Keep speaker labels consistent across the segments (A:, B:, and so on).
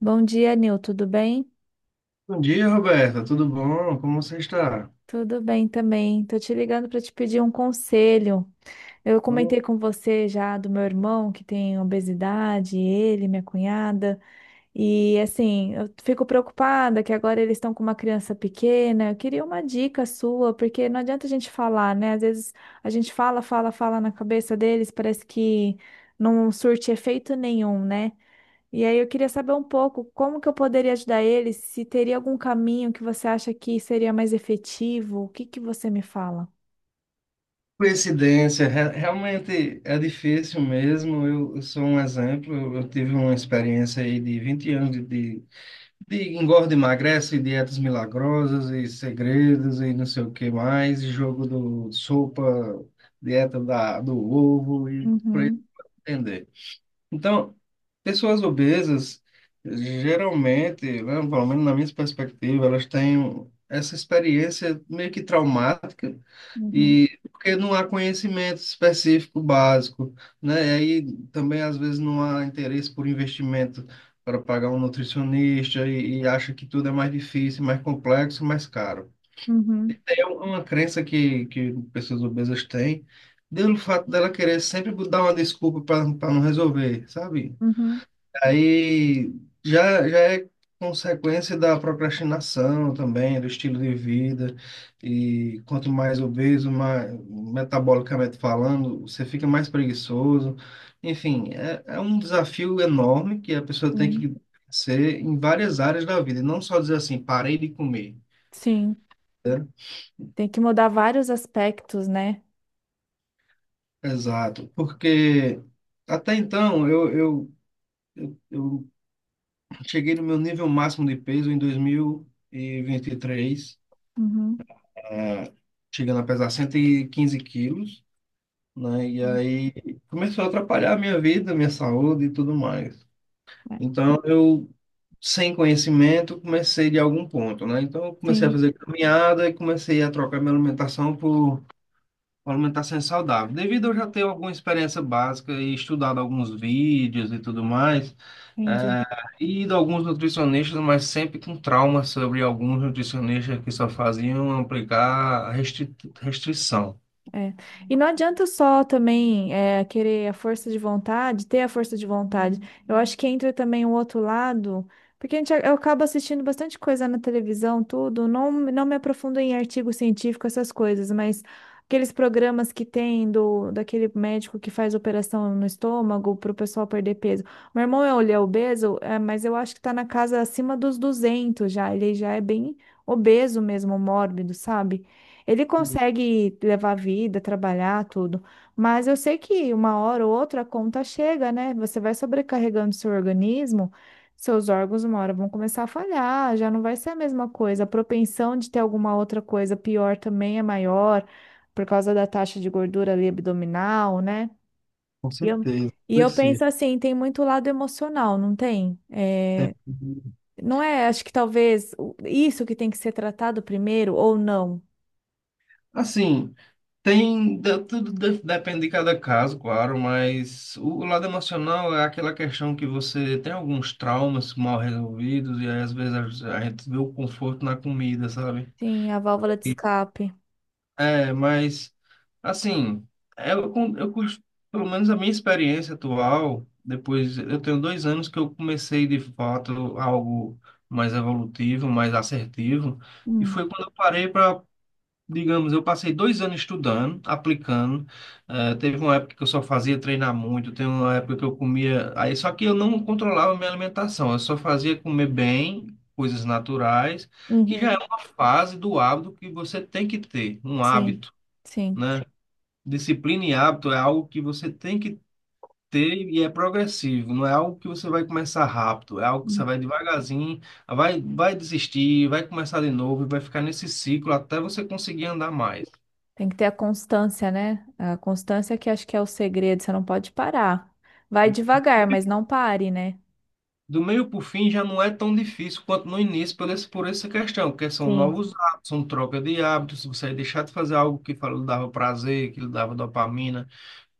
A: Bom dia, Nil, tudo bem?
B: Bom dia, Roberta. Tudo bom? Como você está?
A: Tudo bem também. Tô te ligando para te pedir um conselho. Eu
B: Oh,
A: comentei com você já do meu irmão que tem obesidade, ele, minha cunhada, e assim, eu fico preocupada que agora eles estão com uma criança pequena. Eu queria uma dica sua, porque não adianta a gente falar, né? Às vezes a gente fala, fala, fala na cabeça deles, parece que não surte efeito nenhum, né? E aí eu queria saber um pouco como que eu poderia ajudar ele, se teria algum caminho que você acha que seria mais efetivo, o que que você me fala?
B: coincidência, realmente é difícil mesmo. Eu sou um exemplo. Eu tive uma experiência aí de 20 anos de engorda, emagrece, dietas milagrosas e segredos e não sei o que mais, e jogo do sopa, dieta da, do ovo e por aí
A: Uhum,
B: entender. Então, pessoas obesas, geralmente, né, pelo menos na minha perspectiva, elas têm essa experiência meio que traumática,
A: uhum,
B: e porque não há conhecimento específico básico, né? E aí também, às vezes, não há interesse por investimento para pagar um nutricionista e acha que tudo é mais difícil, mais complexo, mais caro.
A: uhum,
B: É uma crença que pessoas obesas têm, pelo fato dela querer sempre dar uma desculpa para não resolver, sabe?
A: uhum,
B: Aí já é consequência da procrastinação também, do estilo de vida. E quanto mais obeso, mais, metabolicamente falando, você fica mais preguiçoso. Enfim, é um desafio enorme que a pessoa tem
A: sim.
B: que ser em várias áreas da vida, e não só dizer assim, parei de comer.
A: Sim, tem que mudar vários aspectos, né?
B: Exato, porque até então eu cheguei no meu nível máximo de peso em dois mil e vinte e três,
A: Uhum.
B: ah, chegando a pesar 115 quilos, né? E aí começou a atrapalhar a minha vida, minha saúde e tudo mais.
A: É.
B: Então eu, sem conhecimento, comecei de algum ponto, né? Então eu comecei a
A: Sim,
B: fazer caminhada e comecei a trocar minha alimentação por uma alimentação saudável. Devido a eu já ter alguma experiência básica e estudado alguns vídeos e tudo mais,
A: entendi.
B: e de alguns nutricionistas, mas sempre com trauma sobre alguns nutricionistas que só faziam aplicar restrição.
A: É. E não adianta só também querer a força de vontade, ter a força de vontade. Eu acho que entra também o outro lado, porque a gente, eu acabo assistindo bastante coisa na televisão, tudo. Não, não me aprofundo em artigo científico, essas coisas, mas aqueles programas que tem daquele médico que faz operação no estômago para o pessoal perder peso. Meu irmão é, ele é obeso, é, mas eu acho que está na casa acima dos 200 já. Ele já é bem obeso mesmo, mórbido, sabe? Ele consegue levar a vida, trabalhar, tudo. Mas eu sei que uma hora ou outra a conta chega, né? Você vai sobrecarregando seu organismo, seus órgãos uma hora vão começar a falhar, já não vai ser a mesma coisa. A propensão de ter alguma outra coisa pior também é maior, por causa da taxa de gordura ali abdominal, né?
B: Com
A: E eu,
B: certeza.
A: e eu penso assim, tem muito lado emocional, não tem?
B: É-
A: É, não é, acho que talvez isso que tem que ser tratado primeiro ou não.
B: assim, tem tudo depende de cada caso, claro, mas o lado emocional é aquela questão que você tem alguns traumas mal resolvidos e aí, às vezes a gente vê o conforto na comida, sabe?
A: Sim, a válvula de escape.
B: É, mas assim, eu, con- eu, cos- pelo menos a minha experiência atual, depois eu tenho 2 anos que eu comecei de fato algo mais evolutivo, mais assertivo, e
A: Hum.
B: foi quando eu parei para digamos, eu passei 2 anos estudando, aplicando. Teve uma época que eu só fazia treinar muito, teve uma época que eu comia. Aí, só que eu não controlava a minha alimentação, eu só fazia comer bem, coisas naturais, que já é
A: Uhum.
B: uma fase do hábito que você tem que ter, um
A: Sim,
B: hábito,
A: sim.
B: né? Disciplina e hábito é algo que você tem que ter e é progressivo, não é algo que você vai começar rápido, é algo que você
A: Hum.
B: vai devagarzinho, vai desistir, vai começar de novo e vai ficar nesse ciclo até você conseguir andar mais.
A: Tem que ter a constância, né? A constância que acho que é o segredo, você não pode parar. Vai devagar, mas não pare, né?
B: Do meio para o fim já não é tão difícil quanto no início por essa questão, porque são
A: Sim.
B: novos hábitos, são troca de hábitos. Se você deixar de fazer algo que lhe dava prazer, que lhe dava dopamina,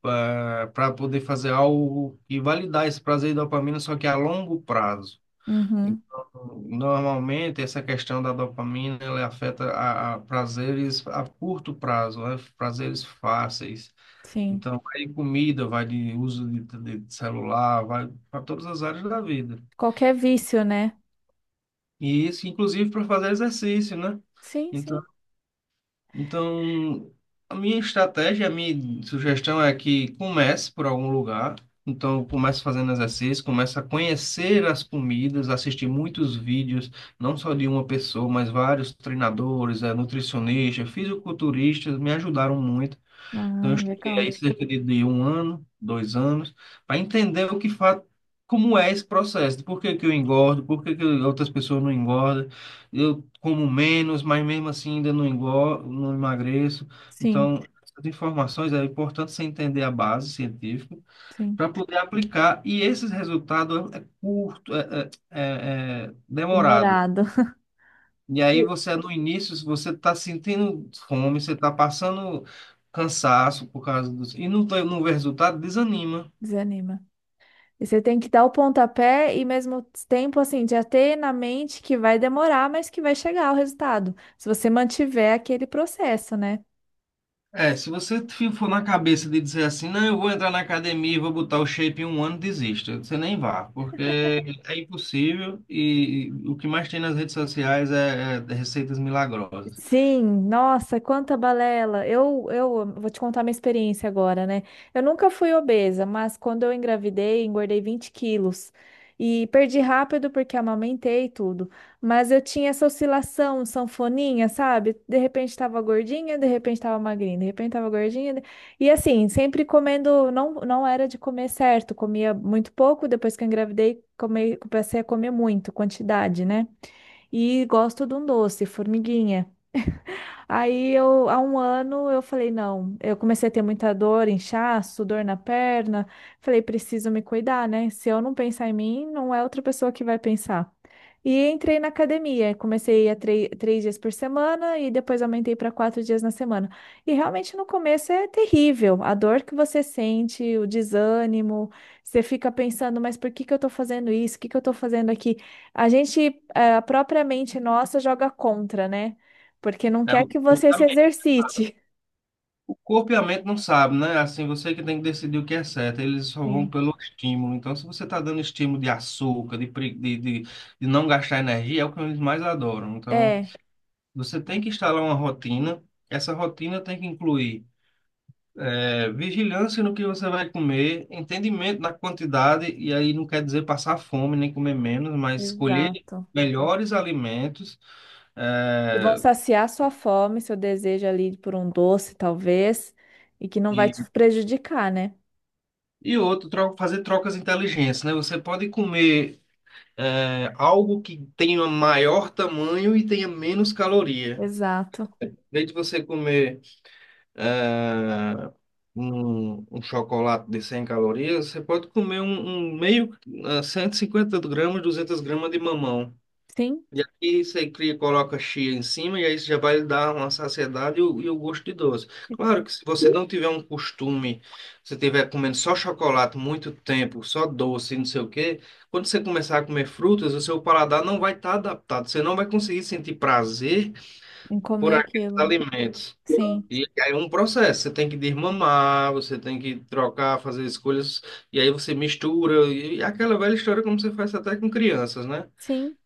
B: para poder fazer algo e validar esse prazer e dopamina, só que a longo prazo.
A: Uhum.
B: Então, normalmente, essa questão da dopamina, ela afeta a prazeres a curto prazo, né? Prazeres fáceis.
A: Sim.
B: Então, vai de comida, vai de uso de celular, vai para todas as áreas da vida.
A: Qualquer vício, né?
B: E isso, inclusive para fazer exercício, né?
A: Sim,
B: Então,
A: sim.
B: então, a minha estratégia, a minha sugestão é que comece por algum lugar. Então, comece fazendo exercício, comece a conhecer as comidas, assistir muitos vídeos, não só de uma pessoa, mas vários treinadores, nutricionistas, fisiculturistas, me ajudaram muito. Então, eu
A: Ah,
B: estudei
A: legal.
B: aí cerca de um ano, 2 anos, para entender o que como é esse processo, de por que que eu engordo, por que que outras pessoas não engordam, eu como menos, mas mesmo assim ainda não engordo, não emagreço.
A: Sim,
B: Então, essas informações é importante você entender a base científica
A: sim.
B: para poder aplicar, e esses resultados é curto, é demorado.
A: Demorado.
B: E aí
A: E-
B: você no início, você está sentindo fome, você está passando cansaço por causa dos. E não, não vê resultado, desanima.
A: Desanima. E você tem que dar o pontapé e mesmo tempo, assim, já ter na mente que vai demorar, mas que vai chegar o resultado. Se você mantiver aquele processo, né?
B: É, se você for na cabeça de dizer assim, não, eu vou entrar na academia e vou botar o shape em um ano, desista. Você nem vá, porque é impossível e o que mais tem nas redes sociais é receitas milagrosas.
A: Sim, nossa, quanta balela. Eu vou te contar minha experiência agora, né? Eu nunca fui obesa, mas quando eu engravidei, engordei 20 quilos. E perdi rápido porque amamentei e tudo. Mas eu tinha essa oscilação, sanfoninha, sabe? De repente tava gordinha, de repente tava magrinha, de repente tava gordinha. E assim, sempre comendo, não era de comer certo, comia muito pouco. Depois que eu engravidei, comecei a comer muito, quantidade, né? E gosto de um doce, formiguinha. Aí eu, há um ano, eu falei, não, eu comecei a ter muita dor, inchaço, dor na perna. Falei, preciso me cuidar, né? Se eu não pensar em mim, não é outra pessoa que vai pensar. E entrei na academia, comecei a três dias por semana e depois aumentei para quatro dias na semana. E realmente no começo é terrível, a dor que você sente, o desânimo, você fica pensando, mas por que que eu estou fazendo isso? O que que eu estou fazendo aqui? A gente, a própria mente nossa joga contra, né? Porque não
B: É,
A: quer
B: o-
A: que
B: o
A: você se
B: caminho.
A: exercite.
B: O corpo e a mente não sabem, né? Assim, você que tem que decidir o que é certo. Eles só vão
A: Sim.
B: pelo estímulo. Então, se você está dando estímulo de açúcar, de, pre- de não gastar energia, é o que eles mais adoram. Então,
A: É,
B: você tem que instalar uma rotina. Essa rotina tem que incluir vigilância no que você vai comer, entendimento da quantidade, e aí não quer dizer passar fome nem comer menos, mas escolher
A: exato.
B: melhores alimentos.
A: E vão
B: eh,
A: saciar sua fome, seu desejo ali por um doce, talvez, e que não vai
B: e,
A: te prejudicar, né?
B: e outro, fazer trocas inteligentes, né? Você pode comer algo que tenha maior tamanho e tenha menos caloria.
A: Exato.
B: Em vez de você comer é, um chocolate de 100 calorias, você pode comer um meio, 150 gramas, 200 gramas de mamão.
A: Sim,
B: E aqui você cria, coloca chia em cima e aí você já vai dar uma saciedade e o gosto de doce. Claro que se você não tiver um costume, se tiver comendo só chocolate muito tempo, só doce, e não sei o quê, quando você começar a comer frutas, o seu paladar não vai estar adaptado. Você não vai conseguir sentir prazer
A: em
B: por
A: comer
B: aqueles
A: aquilo.
B: alimentos.
A: Sim,
B: E aí é um processo. Você tem que desmamar, você tem que trocar, fazer escolhas, e aí você mistura. E aquela velha história como você faz até com crianças, né?
A: sim.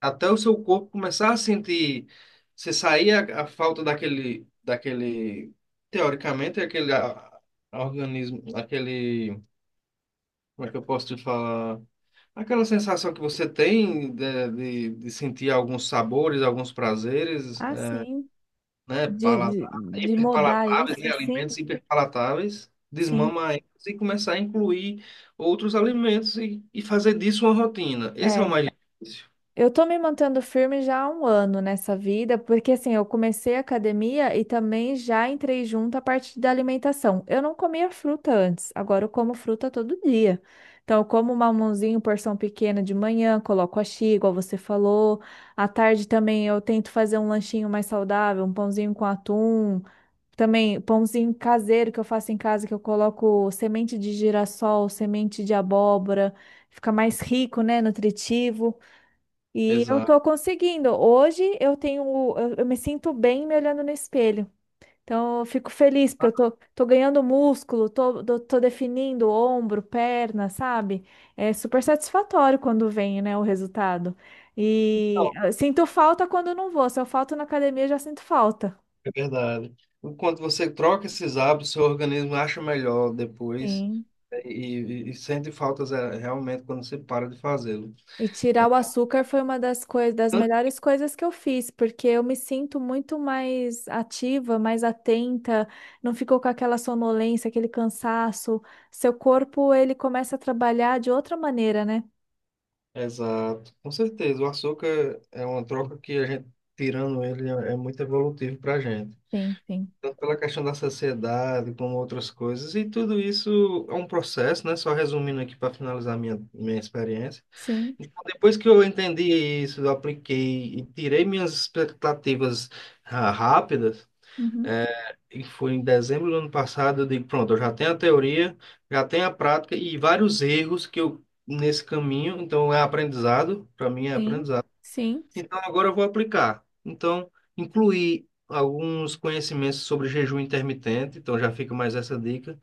B: Até o seu corpo começar a sentir, você sair a falta daquele, teoricamente, aquele organismo, aquele, como é que eu posso te falar? Aquela sensação que você tem de sentir alguns sabores, alguns prazeres,
A: Ah, sim.
B: né,
A: De, de, de mudar
B: hiperpalatáveis,
A: isso,
B: né,
A: sim,
B: alimentos hiperpalatáveis,
A: sim.
B: desmama eles e começar a incluir outros alimentos e fazer disso uma rotina. Esse é o
A: É.
B: mais difícil.
A: Eu tô me mantendo firme já há um ano nessa vida, porque assim, eu comecei a academia e também já entrei junto à parte da alimentação. Eu não comia fruta antes, agora eu como fruta todo dia. Então, eu como um mamãozinho, porção pequena de manhã, coloco achi, igual você falou. À tarde também eu tento fazer um lanchinho mais saudável, um pãozinho com atum. Também pãozinho caseiro que eu faço em casa, que eu coloco semente de girassol, semente de abóbora. Fica mais rico, né? Nutritivo. E eu
B: Exato.
A: tô conseguindo. Hoje eu tenho, eu me sinto bem me olhando no espelho. Então eu fico feliz porque eu tô, tô ganhando músculo, tô definindo ombro, perna, sabe? É super satisfatório quando vem, né, o resultado. E eu sinto falta quando eu não vou. Se eu falto na academia, eu já sinto falta.
B: É verdade. Enquanto você troca esses hábitos, seu organismo acha melhor depois,
A: Sim.
B: né, e sente faltas realmente quando você para de fazê-lo.
A: E tirar o açúcar foi uma das coisas, das
B: Tanto-
A: melhores coisas que eu fiz, porque eu me sinto muito mais ativa, mais atenta, não ficou com aquela sonolência, aquele cansaço. Seu corpo, ele começa a trabalhar de outra maneira, né?
B: Exato, com certeza. O açúcar é uma troca que a gente, tirando ele, é muito evolutivo para a gente.
A: Sim, sim.
B: Tanto pela questão da saciedade, como outras coisas. E tudo isso é um processo, né? Só resumindo aqui para finalizar minha experiência.
A: Sim.
B: Então, depois que eu entendi isso, eu apliquei e tirei minhas expectativas rápidas.
A: Uhum.
B: é, E foi em dezembro do ano passado, eu digo, pronto, eu já tenho a teoria, já tenho a prática e vários erros que eu nesse caminho, então é aprendizado, para mim é
A: Sim.
B: aprendizado.
A: Sim.
B: Então agora eu vou aplicar. Então, incluir alguns conhecimentos sobre jejum intermitente, então já fica mais essa dica.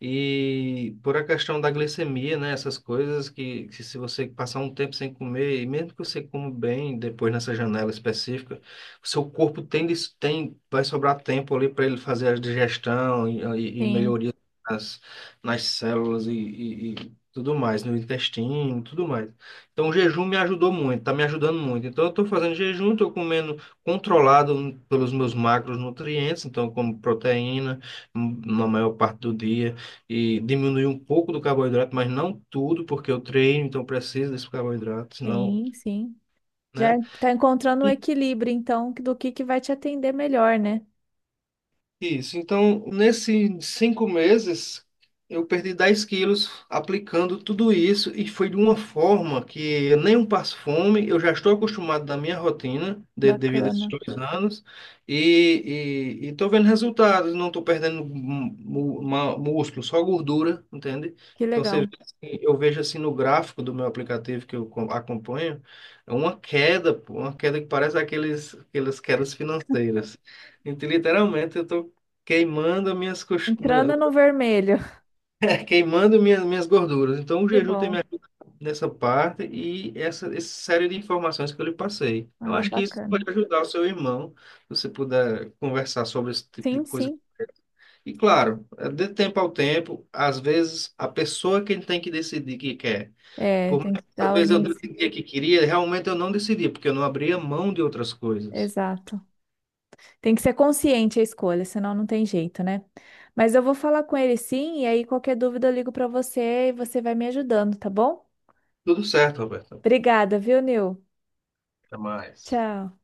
B: E por a questão da glicemia, né? Essas coisas que se você passar um tempo sem comer, e mesmo que você coma bem depois nessa janela específica, o seu corpo tem vai sobrar tempo ali para ele fazer a digestão e
A: Sim.
B: melhoria nas, nas células e tudo mais, no intestino, tudo mais. Então o jejum me ajudou muito, tá me ajudando muito. Então eu estou fazendo jejum, estou comendo controlado pelos meus macronutrientes, então eu como proteína na maior parte do dia e diminuir um pouco do carboidrato, mas não tudo, porque eu treino, então preciso desse carboidrato, senão,
A: Sim, sim. Já
B: né?
A: tá encontrando um equilíbrio, então, do que vai te atender melhor, né?
B: Isso. Então, nesses 5 meses, eu perdi 10 quilos aplicando tudo isso e foi de uma forma que eu nem um passo fome, eu já estou acostumado da minha rotina, devido a esses
A: Bacana.
B: 2 anos, e estou vendo resultados, não estou perdendo músculo, só gordura, entende?
A: Que
B: Então, você, vê
A: legal.
B: assim, eu vejo assim no gráfico do meu aplicativo que eu acompanho, é uma queda, pô, uma queda que parece aqueles, aquelas quedas financeiras. Então, literalmente, eu estou queimando minhas cos- meu-
A: Entrando no vermelho.
B: queimando minhas gorduras. Então, o
A: Que
B: jejum tem
A: bom.
B: me ajudado nessa parte e essa série de informações que eu lhe passei. Eu
A: Ah,
B: acho que isso pode
A: bacana.
B: ajudar o seu irmão, se você puder conversar sobre esse tipo de
A: Sim,
B: coisa.
A: sim.
B: E claro, é de tempo ao tempo, às vezes a pessoa que tem que decidir que quer.
A: É,
B: Por mais
A: tem que
B: que às
A: dar o
B: vezes eu
A: início.
B: decidia que queria, realmente eu não decidi, porque eu não abria mão de outras coisas.
A: Exato. Tem que ser consciente a escolha, senão não tem jeito, né? Mas eu vou falar com ele sim, e aí qualquer dúvida eu ligo para você e você vai me ajudando, tá bom?
B: Tudo certo, Roberto.
A: Obrigada, viu, Nil?
B: Até mais.
A: Tchau.